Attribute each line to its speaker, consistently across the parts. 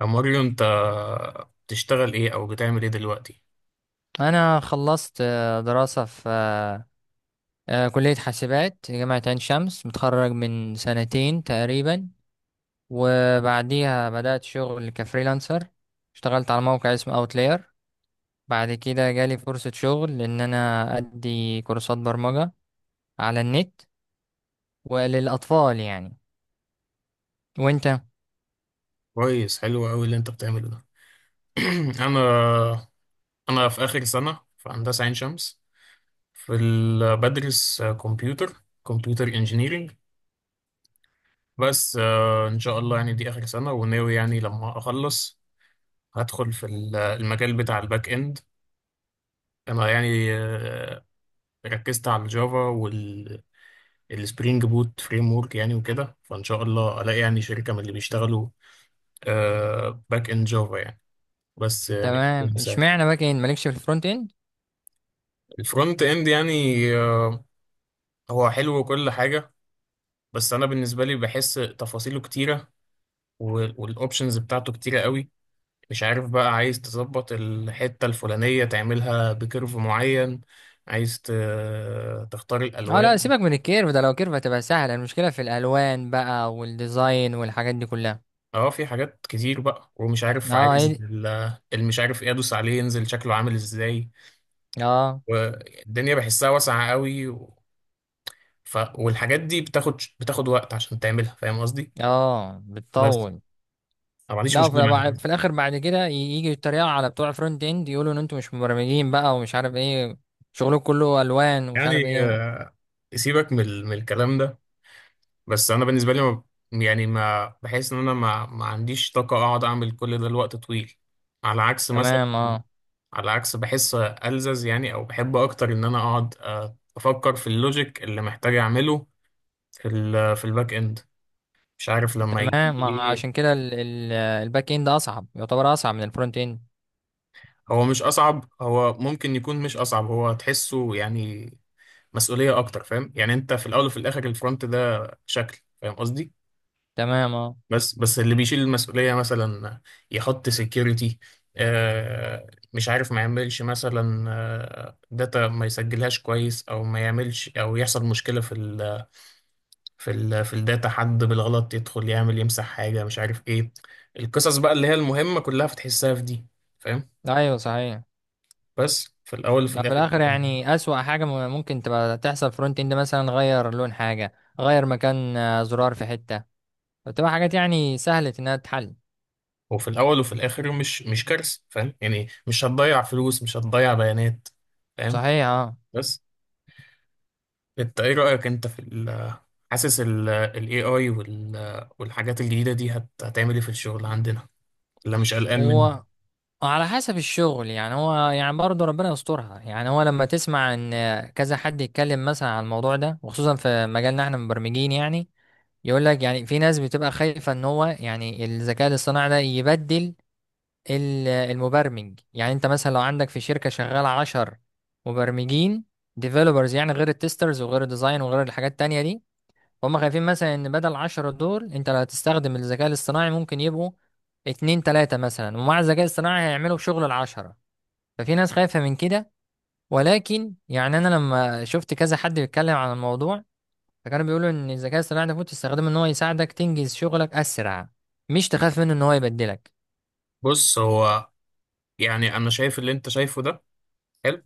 Speaker 1: يا ماريو، انت بتشتغل ايه او بتعمل ايه دلوقتي؟
Speaker 2: انا خلصت دراسة في كلية حاسبات جامعة عين شمس. متخرج من سنتين تقريبا، وبعديها بدأت شغل كفريلانسر. اشتغلت على موقع اسمه اوتلاير. بعد كده جالي فرصة شغل ان انا ادي كورسات برمجة على النت وللاطفال يعني. وانت؟
Speaker 1: كويس، حلو قوي اللي انت بتعمله ده. انا انا في اخر سنة في هندسة عين شمس، بدرس كمبيوتر انجينيرينج. بس ان شاء الله يعني دي اخر سنة، وناوي يعني لما اخلص هدخل في المجال بتاع الباك اند. انا يعني ركزت على الجافا وال السبرينج بوت فريم ورك يعني، وكده فان شاء الله الاقي يعني شركة من اللي بيشتغلوا باك اند جافا يعني. بس يعني
Speaker 2: تمام،
Speaker 1: كل ساعة.
Speaker 2: اشمعنى باك اند مالكش في الفرونت اند؟
Speaker 1: الفرونت اند يعني، آه، هو حلو وكل حاجة، بس أنا بالنسبة لي بحس تفاصيله كتيرة، والأوبشنز بتاعته كتيرة قوي. مش عارف بقى، عايز تظبط الحتة الفلانية تعملها بكيرف معين، عايز ت- تختار
Speaker 2: اه لا،
Speaker 1: الألوان.
Speaker 2: سيبك من الكيرف ده، لو كيرف هتبقى سهلة. المشكلة في الالوان بقى، والديزاين، والحاجات دي كلها.
Speaker 1: اه في حاجات كتير بقى، ومش عارف
Speaker 2: اه
Speaker 1: عايز
Speaker 2: هي.
Speaker 1: المش عارف ايه ادوس عليه ينزل شكله عامل ازاي.
Speaker 2: اه.
Speaker 1: والدنيا بحسها واسعة قوي. والحاجات دي بتاخد وقت عشان تعملها، فاهم قصدي؟
Speaker 2: اه،
Speaker 1: بس
Speaker 2: بتطول.
Speaker 1: انا ما عنديش
Speaker 2: لا،
Speaker 1: مشكله معاك
Speaker 2: في الاخر بعد كده يجي يتريقوا على بتوع فرونت اند، يقولوا ان انتوا مش مبرمجين بقى ومش عارف ايه، شغلكم كله الوان ومش عارف
Speaker 1: يعني.
Speaker 2: ايه.
Speaker 1: سيبك من من الكلام ده. بس انا بالنسبه لي ما بحس ان انا ما عنديش طاقه اقعد اعمل كل ده لوقت طويل، على عكس مثلا،
Speaker 2: تمام اه.
Speaker 1: على عكس بحس ألزز يعني، او بحب اكتر ان انا اقعد افكر في اللوجيك اللي محتاج اعمله في ال في الباك اند. مش عارف لما يجي
Speaker 2: تمام،
Speaker 1: لي
Speaker 2: ما
Speaker 1: ايه.
Speaker 2: عشان كده الباك اند اصعب، يعتبر اصعب من الفرونت اند.
Speaker 1: هو مش اصعب، هو ممكن يكون مش اصعب، هو تحسه يعني مسؤوليه اكتر. فاهم يعني، انت في الاول وفي الاخر الفرونت ده شكل، فاهم قصدي.
Speaker 2: تمام اه.
Speaker 1: بس اللي بيشيل المسؤولية مثلا يحط سكيورتي، آه، مش عارف، ما يعملش مثلا آه داتا ما يسجلهاش كويس، او ما يعملش، او يحصل مشكلة في ال في ال في الداتا، حد بالغلط يدخل يعمل يمسح حاجة، مش عارف ايه. القصص بقى اللي هي المهمة كلها بتحسها في دي، فاهم.
Speaker 2: ايوه صحيح.
Speaker 1: بس في الاول وفي
Speaker 2: لا، في
Speaker 1: الاخر،
Speaker 2: الاخر يعني اسوأ حاجه ممكن تبقى تحصل فرونت اند، مثلا غير لون حاجه، غير مكان زرار في حته. بتبقى حاجات يعني سهله انها تتحل.
Speaker 1: وفي الاول وفي الاخر مش كارثة، فاهم يعني، مش هتضيع فلوس، مش هتضيع بيانات، فاهم.
Speaker 2: صحيح.
Speaker 1: بس انت ايه رأيك انت في ال، حاسس ال ال AI وال، والحاجات الجديدة دي هتعمل ايه في الشغل عندنا، ولا مش قلقان منها؟
Speaker 2: اه، على حسب الشغل يعني، هو يعني برضه ربنا يسترها يعني. هو لما تسمع ان كذا حد يتكلم مثلا عن الموضوع ده، وخصوصا في مجالنا احنا مبرمجين يعني، يقول لك يعني في ناس بتبقى خايفة ان هو يعني الذكاء الاصطناعي ده يبدل المبرمج. يعني انت مثلا لو عندك في شركة شغالة 10 مبرمجين، ديفلوبرز يعني، غير التسترز وغير الديزاين وغير الحاجات التانية دي، فهم خايفين مثلا ان بدل ال10 دول انت لو هتستخدم الذكاء الاصطناعي ممكن يبقوا اتنين تلاتة مثلا، ومع الذكاء الاصطناعي هيعملوا شغل ال10. ففي ناس خايفة من كده. ولكن يعني أنا لما شفت كذا حد بيتكلم عن الموضوع، فكانوا بيقولوا إن الذكاء الاصطناعي ده المفروض تستخدمه إن هو يساعدك تنجز شغلك أسرع، مش تخاف منه إن هو يبدلك.
Speaker 1: بص هو، يعني انا شايف اللي انت شايفه ده حلو،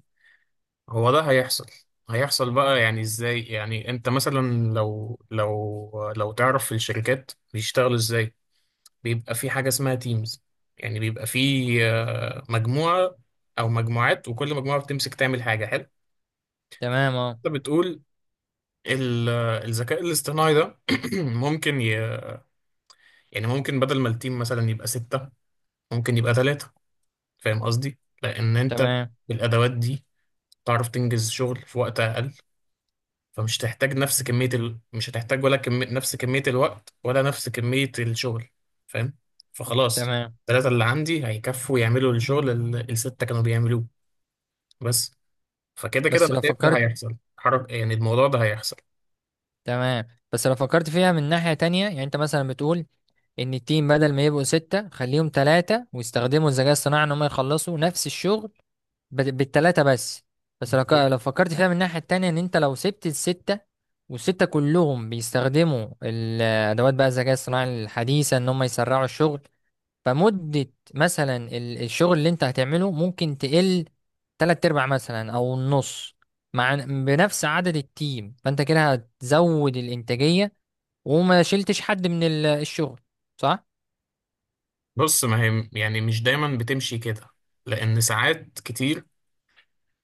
Speaker 1: هو ده هيحصل. هيحصل بقى، يعني ازاي؟ يعني انت مثلا لو تعرف في الشركات بيشتغلوا ازاي، بيبقى في حاجة اسمها تيمز، يعني بيبقى في مجموعة او مجموعات، وكل مجموعة بتمسك تعمل حاجة حلو.
Speaker 2: تمام أه.
Speaker 1: انت بتقول ال- الذكاء الاصطناعي ده ممكن ي... يعني ممكن بدل ما التيم مثلا يبقى ستة ممكن يبقى ثلاثة، فاهم قصدي؟ لأن أنت
Speaker 2: تمام.
Speaker 1: بالأدوات دي تعرف تنجز شغل في وقت أقل. فمش هتحتاج نفس كمية ال... مش هتحتاج ولا كم... نفس كمية الوقت ولا نفس كمية الشغل، فاهم؟ فخلاص،
Speaker 2: تمام.
Speaker 1: الثلاثة اللي عندي هيكفوا يعملوا الشغل اللي الستة كانوا بيعملوه. بس فكده كده
Speaker 2: بس
Speaker 1: أنا
Speaker 2: لو
Speaker 1: شايف ده
Speaker 2: فكرت
Speaker 1: هيحصل. حرك يعني، الموضوع ده هيحصل.
Speaker 2: تمام بس لو فكرت فيها من ناحية تانية يعني، أنت مثلا بتقول إن التيم بدل ما يبقوا ستة خليهم تلاتة ويستخدموا الذكاء الاصطناعي إن هم يخلصوا نفس الشغل بالتلاتة بس. بس لو فكرت فيها من الناحية التانية، ان انت لو سبت الستة والستة كلهم بيستخدموا الادوات بقى الذكاء الصناعي الحديثة، ان هم يسرعوا الشغل، فمدة مثلا الشغل اللي انت هتعمله ممكن تقل تلات ارباع مثلا او النص، مع بنفس عدد التيم. فانت كده هتزود الانتاجية، وما شلتش حد من الشغل، صح؟
Speaker 1: بص، ما هي يعني مش دايما بتمشي كده، لأن ساعات كتير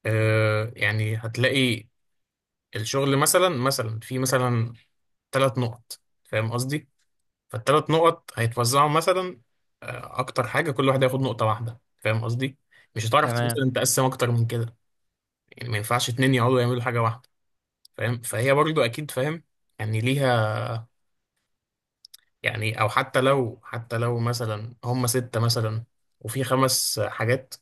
Speaker 1: آه، يعني هتلاقي الشغل مثلا، مثلا في ثلاث نقط، فاهم قصدي؟ فالثلاث نقط هيتوزعوا مثلا، آه، أكتر حاجة كل واحد هياخد نقطة واحدة، فاهم قصدي؟ مش هتعرف
Speaker 2: تمام.
Speaker 1: مثلا تقسم أكتر من كده. يعني ما ينفعش اتنين يقعدوا يعملوا حاجة واحدة، فاهم؟ فهي برضو أكيد، فاهم يعني، ليها يعني. أو حتى لو، حتى لو هم ستة مثلا وفي خمس حاجات،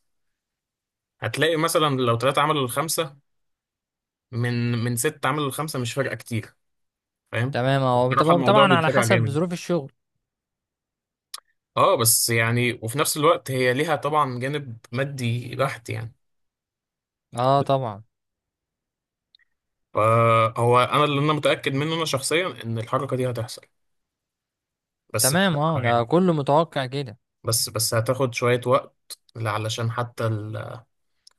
Speaker 1: هتلاقي مثلا لو ثلاثة عملوا الخمسة، من ست عملوا لخمسة، مش فارقة كتير، فاهم.
Speaker 2: تمام، هو
Speaker 1: بصراحة الموضوع
Speaker 2: طبعا على
Speaker 1: بيتسرع
Speaker 2: حسب
Speaker 1: جامد.
Speaker 2: ظروف الشغل.
Speaker 1: اه بس يعني، وفي نفس الوقت هي ليها طبعا جانب مادي بحت يعني.
Speaker 2: اه طبعا.
Speaker 1: فهو انا، اللي انا متاكد منه انا شخصيا، ان الحركه دي هتحصل، بس
Speaker 2: تمام اه،
Speaker 1: بصراحه
Speaker 2: ده
Speaker 1: يعني،
Speaker 2: كله متوقع كده.
Speaker 1: بس هتاخد شويه وقت علشان حتى،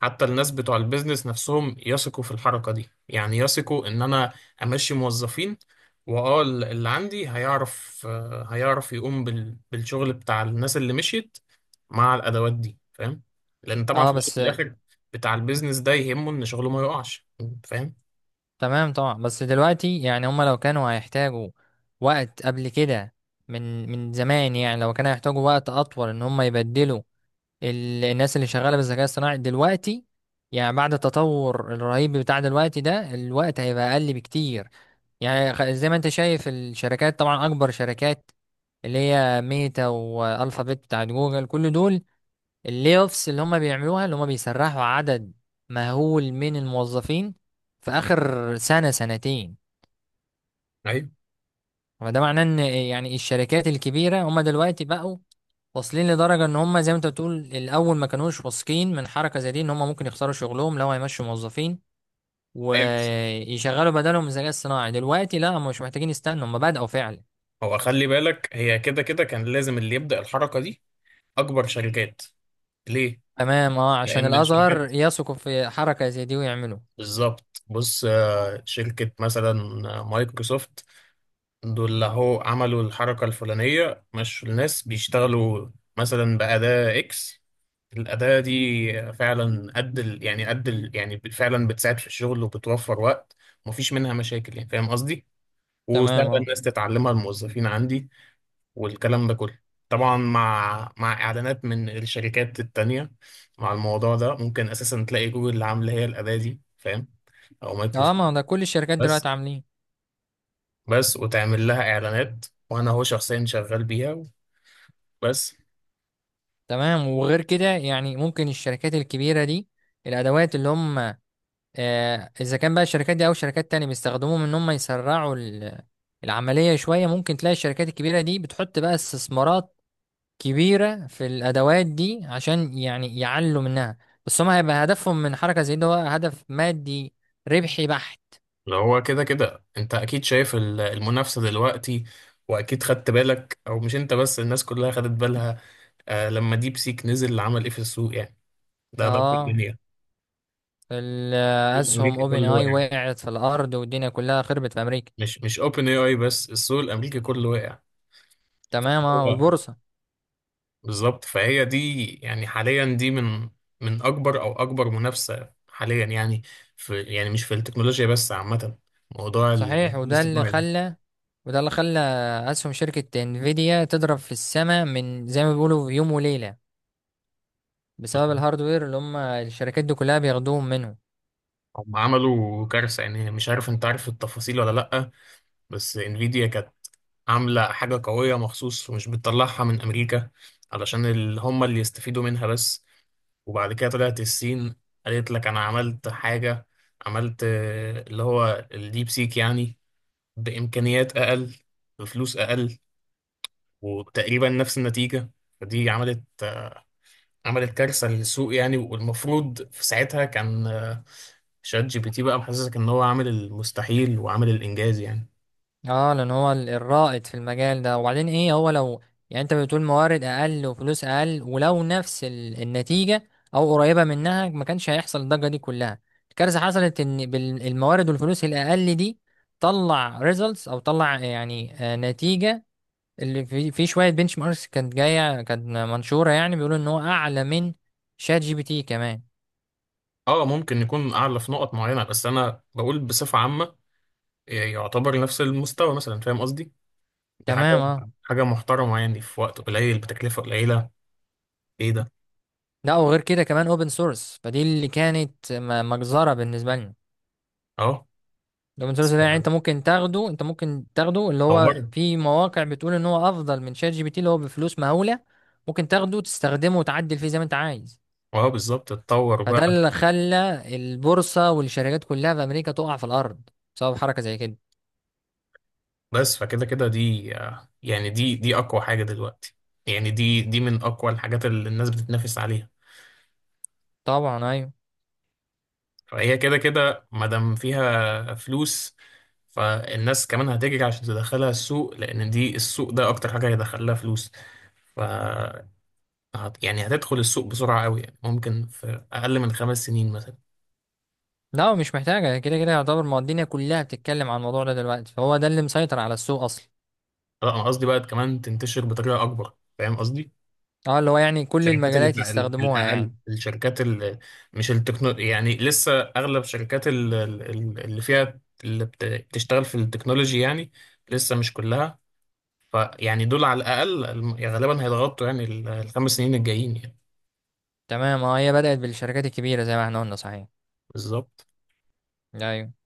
Speaker 1: حتى الناس بتوع البيزنس نفسهم يثقوا في الحركة دي، يعني يثقوا ان انا امشي موظفين، واه اللي عندي هيعرف، هيعرف يقوم بالشغل بتاع الناس اللي مشيت مع الادوات دي، فاهم. لان طبعا في
Speaker 2: اه
Speaker 1: الأول وفي
Speaker 2: بس.
Speaker 1: الاخر، بتاع البيزنس ده يهمه ان شغله ما يقعش، فاهم.
Speaker 2: تمام طبعا. بس دلوقتي يعني هما لو كانوا هيحتاجوا وقت قبل كده، من زمان يعني، لو كانوا هيحتاجوا وقت اطول ان هما يبدلوا الناس اللي شغالة بالذكاء الصناعي دلوقتي، يعني بعد التطور الرهيب بتاع دلوقتي ده الوقت هيبقى اقل بكتير. يعني زي ما انت شايف الشركات، طبعا اكبر شركات، اللي هي ميتا والفابت بتاعت جوجل، كل دول اللي اوفس اللي هم بيعملوها، اللي هم بيسرحوا عدد مهول من الموظفين في اخر سنة سنتين.
Speaker 1: ايوه،
Speaker 2: فده معناه ان يعني الشركات الكبيرة هم دلوقتي بقوا واصلين لدرجة ان هم، زي ما انت بتقول، الاول ما كانوش واثقين من حركة زي دي، ان هم ممكن يخسروا شغلهم لو هيمشوا موظفين
Speaker 1: ايوه بس.
Speaker 2: ويشغلوا بدلهم الذكاء الصناعي. دلوقتي لا، هم مش محتاجين يستنوا، هم بدأوا فعلا.
Speaker 1: هو خلي بالك، هي كده كده كان لازم اللي يبدأ الحركة دي اكبر شركات. ليه؟
Speaker 2: تمام اه، عشان
Speaker 1: لان
Speaker 2: الاصغر
Speaker 1: الشركات،
Speaker 2: يثقوا في حركة زي دي ويعملوا.
Speaker 1: بالظبط. بص شركة مثلا مايكروسوفت، دول اللي هو عملوا الحركة الفلانية، مشوا الناس بيشتغلوا مثلا بأداة إكس. الأداة دي فعلا قد يعني فعلا بتساعد في الشغل وبتوفر وقت ومفيش منها مشاكل، يعني فاهم قصدي؟
Speaker 2: تمام
Speaker 1: وسهلة
Speaker 2: اه.
Speaker 1: الناس تتعلمها، الموظفين عندي، والكلام ده كله. طبعا مع إعلانات من الشركات التانية. مع الموضوع ده ممكن أساسا تلاقي جوجل اللي عاملة هي الأداة دي، فاهم؟ أو
Speaker 2: اه، ما
Speaker 1: مايكروسوفت.
Speaker 2: هو ده كل الشركات
Speaker 1: بس،
Speaker 2: دلوقتي عاملين.
Speaker 1: وتعمل لها اعلانات، وانا هو شخصيا شغال بيها، بس.
Speaker 2: تمام. وغير كده يعني ممكن الشركات الكبيرة دي، الأدوات اللي هم إذا كان بقى الشركات دي أو شركات تانية بيستخدموهم إن هم يسرعوا العملية شوية، ممكن تلاقي الشركات الكبيرة دي بتحط بقى استثمارات كبيرة في الأدوات دي عشان يعني يعلوا منها. بس هم هيبقى هدفهم من حركة زي ده هو هدف مادي ربحي بحت.
Speaker 1: لو هو كده كده، انت اكيد شايف المنافسة دلوقتي، واكيد خدت بالك، او مش انت بس، الناس كلها خدت بالها، آه، لما ديب سيك نزل عمل ايه في السوق يعني. ده كل
Speaker 2: اه.
Speaker 1: الدنيا. السوق
Speaker 2: الأسهم
Speaker 1: الامريكي
Speaker 2: أوبن
Speaker 1: كله
Speaker 2: آي
Speaker 1: واقع،
Speaker 2: وقعت في الأرض والدنيا كلها خربت في أمريكا.
Speaker 1: مش اوبن اي اي بس، السوق الامريكي كله واقع.
Speaker 2: تمام اه،
Speaker 1: هو
Speaker 2: والبورصة.
Speaker 1: بالظبط. فهي دي يعني حاليا، دي من، من اكبر او اكبر منافسة حاليا يعني، في يعني مش في التكنولوجيا بس، عامة، موضوع
Speaker 2: صحيح.
Speaker 1: الاصطناعي ده.
Speaker 2: وده اللي خلى أسهم شركة انفيديا تضرب في السماء من زي ما بيقولوا في يوم وليلة،
Speaker 1: بص،
Speaker 2: بسبب الهاردوير اللي هم الشركات دي كلها بياخدوهم منه.
Speaker 1: هم عملوا كارثة، يعني مش عارف انت عارف التفاصيل ولا لأ، بس انفيديا كانت عاملة حاجة قوية مخصوص، ومش بتطلعها من أمريكا علشان هم اللي يستفيدوا منها بس. وبعد كده طلعت الصين قالت لك أنا عملت حاجة، عملت اللي هو الديب سيك يعني، بإمكانيات أقل، بفلوس أقل، وتقريبا نفس النتيجة. فدي عملت، عملت كارثة للسوق يعني، والمفروض في ساعتها كان شات جي بي تي بقى محسسك ان هو عامل المستحيل وعامل الانجاز يعني.
Speaker 2: اه، لأن هو الرائد في المجال ده. وبعدين ايه، هو لو يعني انت بتقول موارد أقل وفلوس أقل، ولو نفس النتيجة أو قريبة منها، ما كانش هيحصل الضجة دي كلها. الكارثة حصلت إن بالموارد والفلوس الأقل دي طلع ريزلتس، أو طلع يعني نتيجة اللي في شويه بنش ماركس كانت جايه، كانت منشوره يعني، بيقولوا ان هو اعلى من شات جي بي تي كمان.
Speaker 1: اه ممكن يكون اعلى في نقط معينة، بس انا بقول بصفة عامة يعتبر نفس المستوى مثلا، فاهم قصدي. دي حاجة،
Speaker 2: تمام اه.
Speaker 1: حاجة محترمة يعني، في وقت قليل بتكلفة قليلة، ايه ده.
Speaker 2: لا، وغير كده كمان اوبن سورس، فدي اللي كانت مجزره بالنسبه لنا.
Speaker 1: اه
Speaker 2: الاوبن سورس ده يعني انت ممكن تاخده، اللي
Speaker 1: اتطورت.
Speaker 2: هو في مواقع بتقول ان هو افضل من شات جي بي تي اللي هو بفلوس مهوله. ممكن تاخده تستخدمه وتعدل فيه زي ما انت عايز.
Speaker 1: اه بالظبط، اتطور
Speaker 2: فده
Speaker 1: بقى.
Speaker 2: اللي خلى البورصه والشركات كلها في امريكا تقع في الارض، بسبب حركه زي كده.
Speaker 1: بس فكده كده، دي يعني دي اقوى حاجة دلوقتي، يعني دي من اقوى الحاجات اللي الناس بتتنافس عليها.
Speaker 2: طبعا ايوه.
Speaker 1: فهي كده كده ما دام فيها فلوس، فالناس كمان هتجري عشان تدخلها السوق، لأن دي السوق ده أكتر حاجة هيدخلها فلوس. ف يعني هتدخل السوق بسرعة قوي، يعني ممكن في أقل من خمس سنين مثلا.
Speaker 2: لا، هو مش محتاجة، كده كده يعتبر، ما هو الدنيا كلها بتتكلم عن الموضوع ده دلوقتي، فهو ده اللي مسيطر على السوق أصلا.
Speaker 1: لا أنا قصدي بقى كمان تنتشر بطريقة أكبر، فاهم قصدي؟
Speaker 2: اه، اللي هو يعني كل
Speaker 1: الشركات اللي
Speaker 2: المجالات
Speaker 1: تع-
Speaker 2: يستخدموها
Speaker 1: الأقل،
Speaker 2: يعني.
Speaker 1: الشركات اللي مش التكنو، يعني لسه أغلب الشركات اللي فيها اللي بتشتغل في التكنولوجي يعني لسه مش كلها. فيعني دول على الأقل غالبا هيضغطوا يعني الخمس سنين الجايين يعني.
Speaker 2: تمام اه، هي بدأت بالشركات الكبيرة زي ما احنا قلنا. صحيح.
Speaker 1: بالظبط.
Speaker 2: أيوة.